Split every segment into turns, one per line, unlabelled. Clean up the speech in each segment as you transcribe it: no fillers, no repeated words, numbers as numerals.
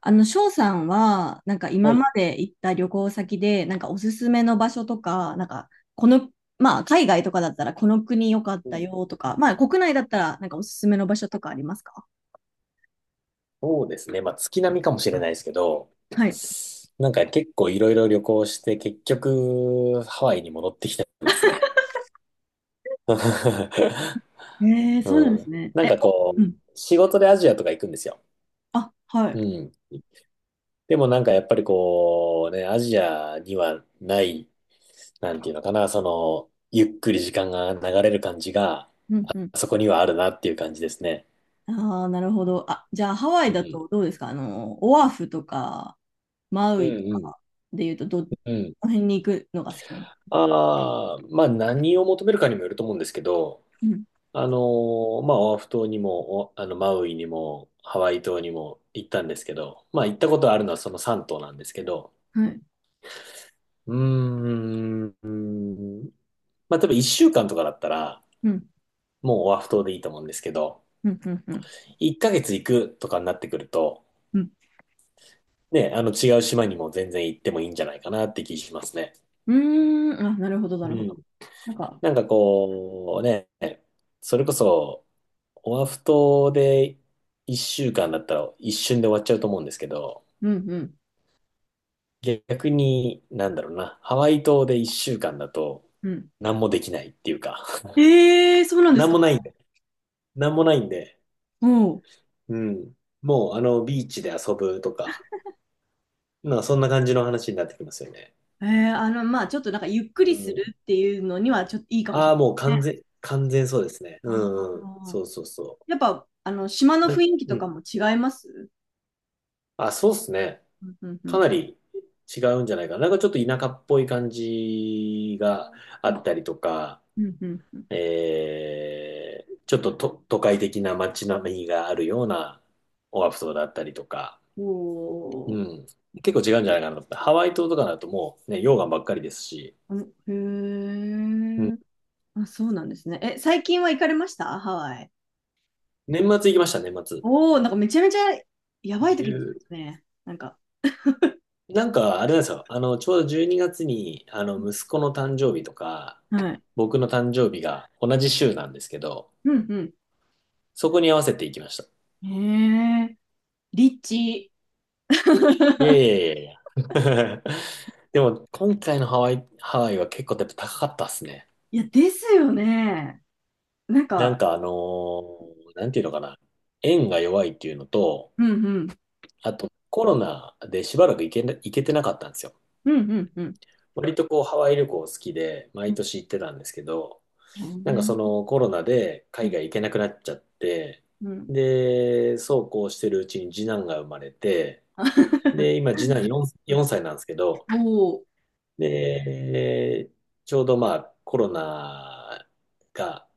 翔さんは、なんか
は
今ま
い。
で行った旅行先で、なんかおすすめの場所とか、なんか、この、まあ、海外とかだったら、この国良かっ
う
た
ん、
よとか、まあ、国内だったら、なんかおすすめの場所とかありますか？
そうですね。まあ、月並みかもしれないですけど、
はい。
なんか結構いろいろ旅行して、結局、ハワイに戻ってきてますね。
ええ、そうなん
う
です
ん。
ね。
なん
え、
か
お、
こ
う
う、
ん。
仕事でアジアとか行くんですよ。
あ、は
う
い。
ん。でもなんかやっぱりこう、ね、アジアにはない、なんていうのかな、その、ゆっくり時間が流れる感じが、
うんうん。
そこにはあるなっていう感じですね。
ああ、なるほど。あ、じゃあ、ハワ
う
イだ
ん。
とどうですか？オアフとか、マウ
う
イと
んうん。
かで言うと、ど、こ
うん。
の辺に行くのが好きなの？
ああ、まあ何を求めるかにもよると思うんですけど、
うん、
まあオアフ島にも、おあのマウイにも、ハワイ島にも行ったんですけど、まあ行ったことあるのはその3島なんですけど、
はい。
うーん、うーんまあ多分1週間とかだったら、
うん、
もうオアフ島でいいと思うんですけど、
うん、うん、
1ヶ月行くとかになってくると、
うん。
ね、違う島にも全然行ってもいいんじゃないかなって気しますね。
うーん、あ、なるほど、な
う
るほ
ん。
ど。なんか、
なんかこうね、それこそ、オアフ島で1週間だったら一瞬で終わっちゃうと思うんですけど、
うん、うん、
逆に、なんだろうな、ハワイ島で1週間だと、
うん。
何もできないっていうか、
ええー、そうなん です
何
か？
もないんで、何もないんで、
おう。
うん。もう、ビーチで遊ぶとか、まあ、そんな感じの話になってきますよね。
えまあ、ちょっとなんか、ゆっく
う
りする
ん。
っていうのには、ちょっといいかもし
あ
れ
あ、もう
ない
完
ですね。
全、完全そうですね。
あ
うんうん。
あ。
そうそうそ
やっぱ、島の
う。なん
雰囲気
う
とか
ん。
も違います？
あ、そうっすね。
うん、うん、う
か
ん。
なり違うんじゃないかな。なんかちょっと田舎っぽい感じが
う
あ
ん、
ったりとか、
うん。うんうん、
ちょっと、都会的な街並みがあるようなオアフ島だったりとか、
おー、
うん。結構違うんじゃないかなと思って。ハワイ島とかだともうね、溶岩ばっかりですし、
う、
うん。
へえ。あ、そうなんですね。え、最近は行かれました？ハワイ。
年末行きました、年末。
おお、なんかめちゃめちゃやばい時に
1
ね。なんか、
なんかあれなんですよ。ちょうど12月にがつに、息子の誕生日とか、
はい。
僕の誕生日が同じ週なんですけど、
うん、う
そこに合わせて行きました。
ん。へえ。リッチ。
いやい やいやいや。でも、今回のハワイは結構やっぱ高かったっすね。
いや、ですよね。なん
なん
か、
かあのーなんていうのかな。円が弱いっていうのと、
うんうん。
あとコロナでしばらく行けてなかったんですよ。
うんうんうん。
割とこうハワイ旅行好きで、
う
毎
ん
年行ってたんですけど、なんかそのコロナで海外行けなくなっちゃって、
うんうん。
で、そうこうしてるうちに次男が生まれて、で、今次男4歳なんですけど、
おー、
で、ちょうどまあコロナが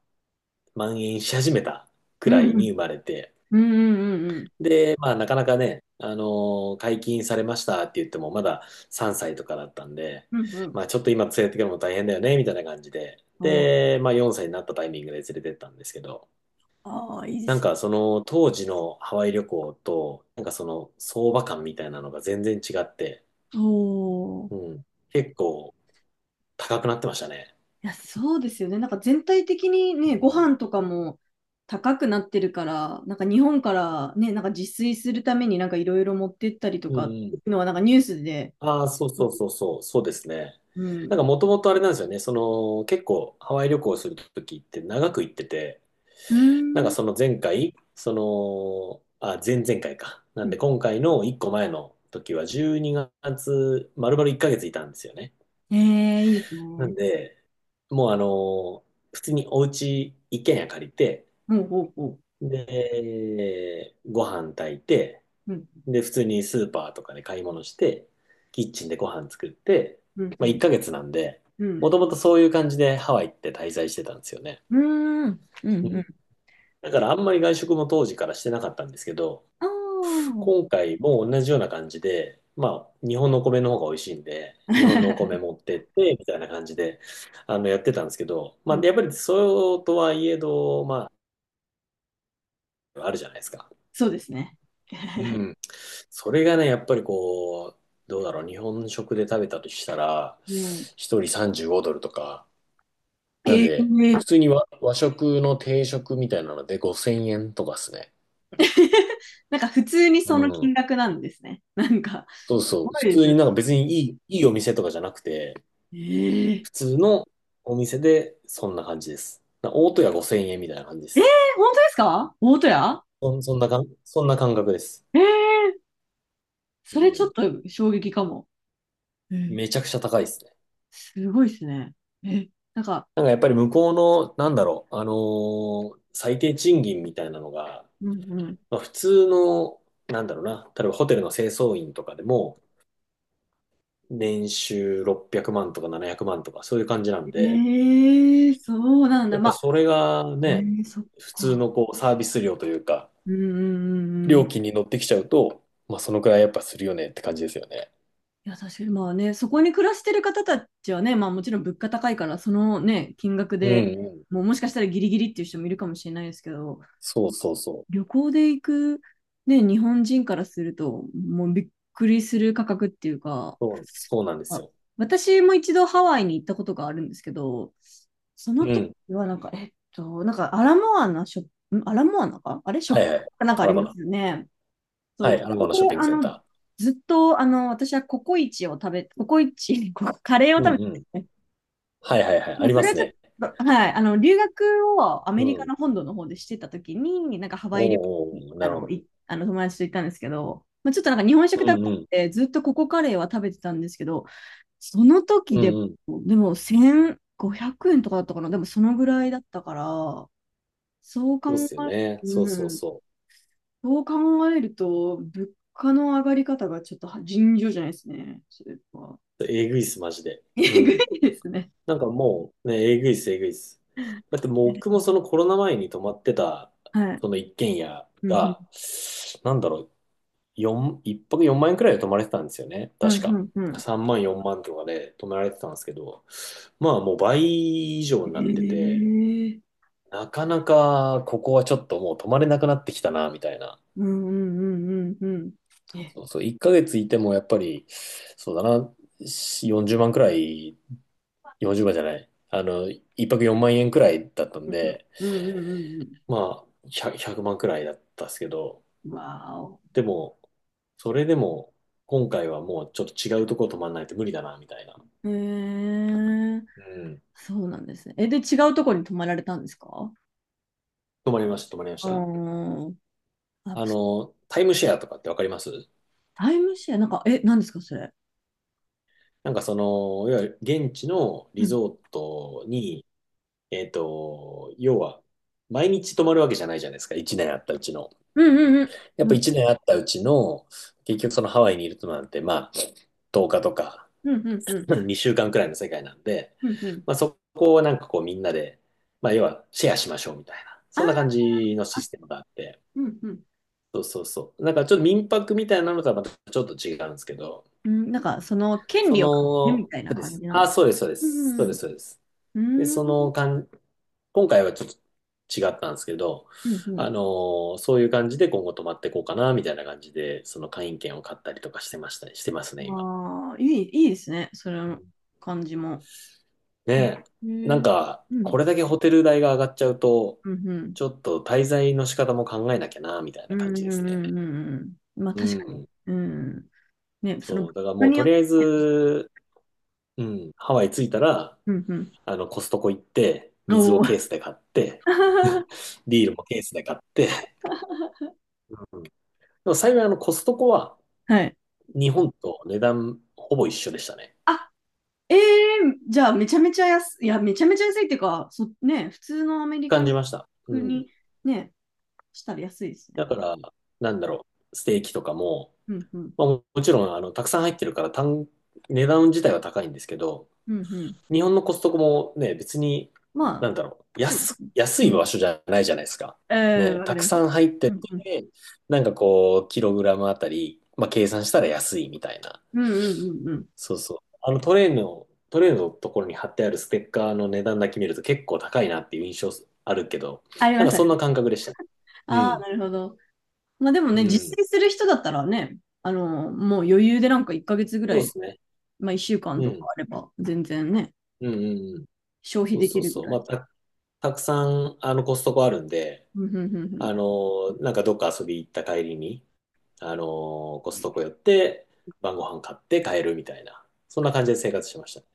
蔓延し始めたく
う
らいに
ん
生まれて、
うんうんうんうん
で、まあなかなかね、解禁されましたって言ってもまだ3歳とかだったんで、
うんうんうん、
まあちょっと今連れてくるのも大変だよね、みたいな感じで、
おー、
で、まあ4歳になったタイミングで連れてったんですけど、
ああ、いいで
なん
す。
かその当時のハワイ旅行と、なんかその相場感みたいなのが全然違って、
おー、
うん、結構高くなってましたね。
いや、そうですよね。なんか全体的に
う
ね、ご
ん。
飯とかも高くなってるから、なんか日本からね、なんか自炊するためになんかいろいろ持ってったりと
うん
かって
う
いう
ん
のはなんかニュースで、
ああ、そう
う
そう
ん、
そうそう、そうですね。
う
なんか
ん。
もともとあれなんですよね、その結構ハワイ旅行するときって長く行ってて、
うー
なんか
ん、
その前回、その、あ、前々回か。なん
うん。
で今回の1個前の時は12月、丸々1ヶ月いたんですよね。
ええ、いいです
なん
ね。
で、もう普通に一軒家借りて、
ほうん、うおう。
で、ご飯炊いて、
うん、
で、普通にスーパーとかで買い物して、キッチンでご飯作って、
うん、う
まあ1
ん、
ヶ月なんで、
う
も
ん。
ともとそういう感じでハワイって滞在してたんですよね。
うーん、う
う
ん、う
ん。
ん。
だからあんまり外食も当時からしてなかったんですけど、
ああ、
今回も同じような感じで、まあ日本のお米の方が美味しいんで、日本のお米持ってって、みたいな感じで、やってたんですけど、
う
まあ
ん、
やっぱりそうとはいえど、まあ、あるじゃないですか。
そうですね。
うん。それがね、やっぱりこう、どうだろう、日本食で食べたとしたら、
うん。
一人35ドルとか、なん
え
で、
え。
普通に和食の定食みたいなので5000円とかっすね。
なんか普通に
う
その
ん。
金額なんですね。なんか、す
そうそう。
ご
普
いで
通
す
に
ね。
なんか別にいいお店とかじゃなくて、
ええ、
普通のお店でそんな感じです。大戸屋5000円みたいな感じです。
本当ですか？大戸屋？
そんな感覚です。
ええ、
う
それちょっ
ん。
と衝撃かも。ええ、
めちゃくちゃ高いですね。
すごいですね。え、なんか、
なんかやっぱり向こうの、なんだろう、最低賃金みたいなのが、
うんうん。
まあ普通の、なんだろうな、例えばホテルの清掃員とかでも、年収600万とか700万とか、そういう感じなんで、
ええ、そうなん
や
だ。
っ
ま
ぱ
あ、
それが
え
ね、
え、そっ
普通
か。
のこうサービス料というか、
ううん、うんうんう
料
ん。
金に乗ってきちゃうと、まあそのくらいやっぱするよねって感じですよね。
いや、確かに、まあね、そこに暮らしてる方たちはね、まあもちろん物価高いから、そのね、金額
うん
で
うん。
もうもしかしたらギリギリっていう人もいるかもしれないですけど、
そうそうそう。
旅行で行く、ね、日本人からすると、もうびっくりする価格っていうか、
そう、そうなんです
あ、
よ。
私も一度ハワイに行ったことがあるんですけど、その
う
時
ん。
はなんか、なんかアラモアナショップ、んアラモアナかあれショ
は
ッ
い
ピン
は
グ
い。
かなんかあ
アラ
り
バ
ま
ナ。
すよね。
は
そう、
い、アラ
そ
バナ
こ
ショッ
で、
ピングセンタ
ずっと、私はココイチを食べ、ココイチ、こカレー
ー。
を
うん
食べて
うん。
て、
はいはいはい。あ
まあ、
り
そ
ま
れは
す
ちょっ
ね。
と、はい、留学をア
う
メリカ
ん。
の本土の方でしてた時に、なんかハ
お
ワイ旅行に、
ーおー、なるほど。
あの友達と行ったんですけど、まあ、ちょっとなんか日本
う
食だっ
ん
た
う
ん
ん。
で、ずっとココカレーは食べてたんですけど、その時
う
で
んうん。
も、でも1500円とかだったかな、でもそのぐらいだったから、そう考
そうっ
える
すよね。
と、
そう
う
そう
ん、
そ
そう考えると、物価の上がり方がちょっとは尋常じゃないですね。それは。
う。えぐいっす、マジで。う
えぐ
ん。
いですね。
なんかもう、ね、えぐいっす、えぐいっす。だってもう僕もそのコロナ前に泊まってた、
はい。
その一軒家
うんうん。
が、なんだろう、一泊4万円くらいで泊まれてたんですよね。
はい
確
は
か。
いはい。
3万、4万とかで泊められてたんですけど、まあもう倍以上になってて、
ええ、
なかなかここはちょっともう泊まれなくなってきたな、みたいな。
うんうんうんうんうん。え、
そうそう、1ヶ月いてもやっぱり、そうだな、40万くらい、40万じゅうまんじゃない、1泊4万円くらいだったんで、
うんうんうんうんう
まあ、100、万くまんくらいだったっすけど、
ん。わお。
でも、それでも、今回はもうちょっと違うとこ泊まらないと無理だな、みたいな。
ええ、
うん。
そうなんですね。え、で、違うところに泊まられたんですか？
泊まりました、泊まりまし
あ
た。
ー、あ、
タイムシェアとかってわかります？
タイムシェア、なんか、え、なんですか、それ。
なんかその、いわゆる現地の
う
リ
ん。
ゾートに、要は、毎日泊まるわけじゃないじゃないですか、1年あったうちの。
うんうんう
やっ
ん。う
ぱ
ん
1年あったうちの、結局そのハワイにいるとなんて、まあ、10日とか、
うんうんう ん。
2週間くらいの世界なんで、
うんうん。
まあそこをなんかこうみんなで、まあ要はシェアしましょうみたいな、
あー、
そんな感じのシ
あ、
ステムがあって、
うんうん。
そうそうそう。なんかちょっと民泊みたいなのとはまたちょっと違うんですけど、
うん、なんか、その権
そ
利を買ってるみ
の、
たいな感じなんですか？
そうです、そうで
う
す、
ん、
そうです、そうです。
う
で、
ん、うん、
その感今回はちょっと違ったんですけど、
うんうん
あ
う
のそういう感じで今後泊まっていこうかな、みたいな感じで、その会員券を買ったりとかしてました、してますね、
ん。
今。
ああ、いいですね。それの感じも。
ね
へえ、
え。な
う
ん
ん、
か、
う
こ
ん、
れだけホテル代が上がっちゃうと、
うん、
ちょっと滞在の仕方も考えなきゃな、みたい
う
な感
ん、
じで
う
す
ん、
ね。
うん。うん、まあ、
う
確かに。
ん。
うん。ね、その、
そう。
物
だから
価
もう
に
と
よっ
り
て、
あえず、うん、ハワイ着いたら、
うん、うん。
コストコ行って、
お
水をケー
お。
スで買って、ビールもケースで買って、うんでも幸いコストコは、
はい。
日本と値段ほぼ一緒でしたね。
あ、ええ、じゃあ、めちゃめちゃ安い、いや、めちゃめちゃ安いっていうか、そ、ね、普通のアメリカ
感
の
じました。うん。
国、ね、したら安いですね。
だから、なんだろう、ステーキとかも、
うん、うん、
まあ、もちろん、たくさん入ってるから値段自体は高いんですけど、
うん、うん。
日本のコストコもね、別に、
まあ、
なんだろう、
そう。
安
う
い場
ん。
所じゃないじゃないですか。
うん、
ね、
わか
た
り
く
ました。
さん入って
うんうん。
て、なんかこう、キログラムあたり、まあ計算したら安いみたいな。
うんうんうんうん。
そうそう。あのトレーのところに貼ってあるステッカーの値段だけ見ると結構高いなっていう印象あるけど、
あり
な
ま
んか
す、あ
そん
りま
な
す。
感覚でした。う
ああ、
ん。
なるほど。まあでも
う
ね、実
ん。
践する人だったらね、もう余裕でなんか1ヶ月ぐら
そうで
い、
すね。
まあ1週間
う
とか
ん。
あれば、全然ね、
うんうんうん。
消費
そう
で
そ
き
う
るぐ
そう。
ら
ま
い。
あ、たくさん、コストコあるんで、
うんうんうんうん
なんかどっか遊び行った帰りに、コストコ寄って晩ご飯買って帰るみたいな、そんな感じで生活してましたね。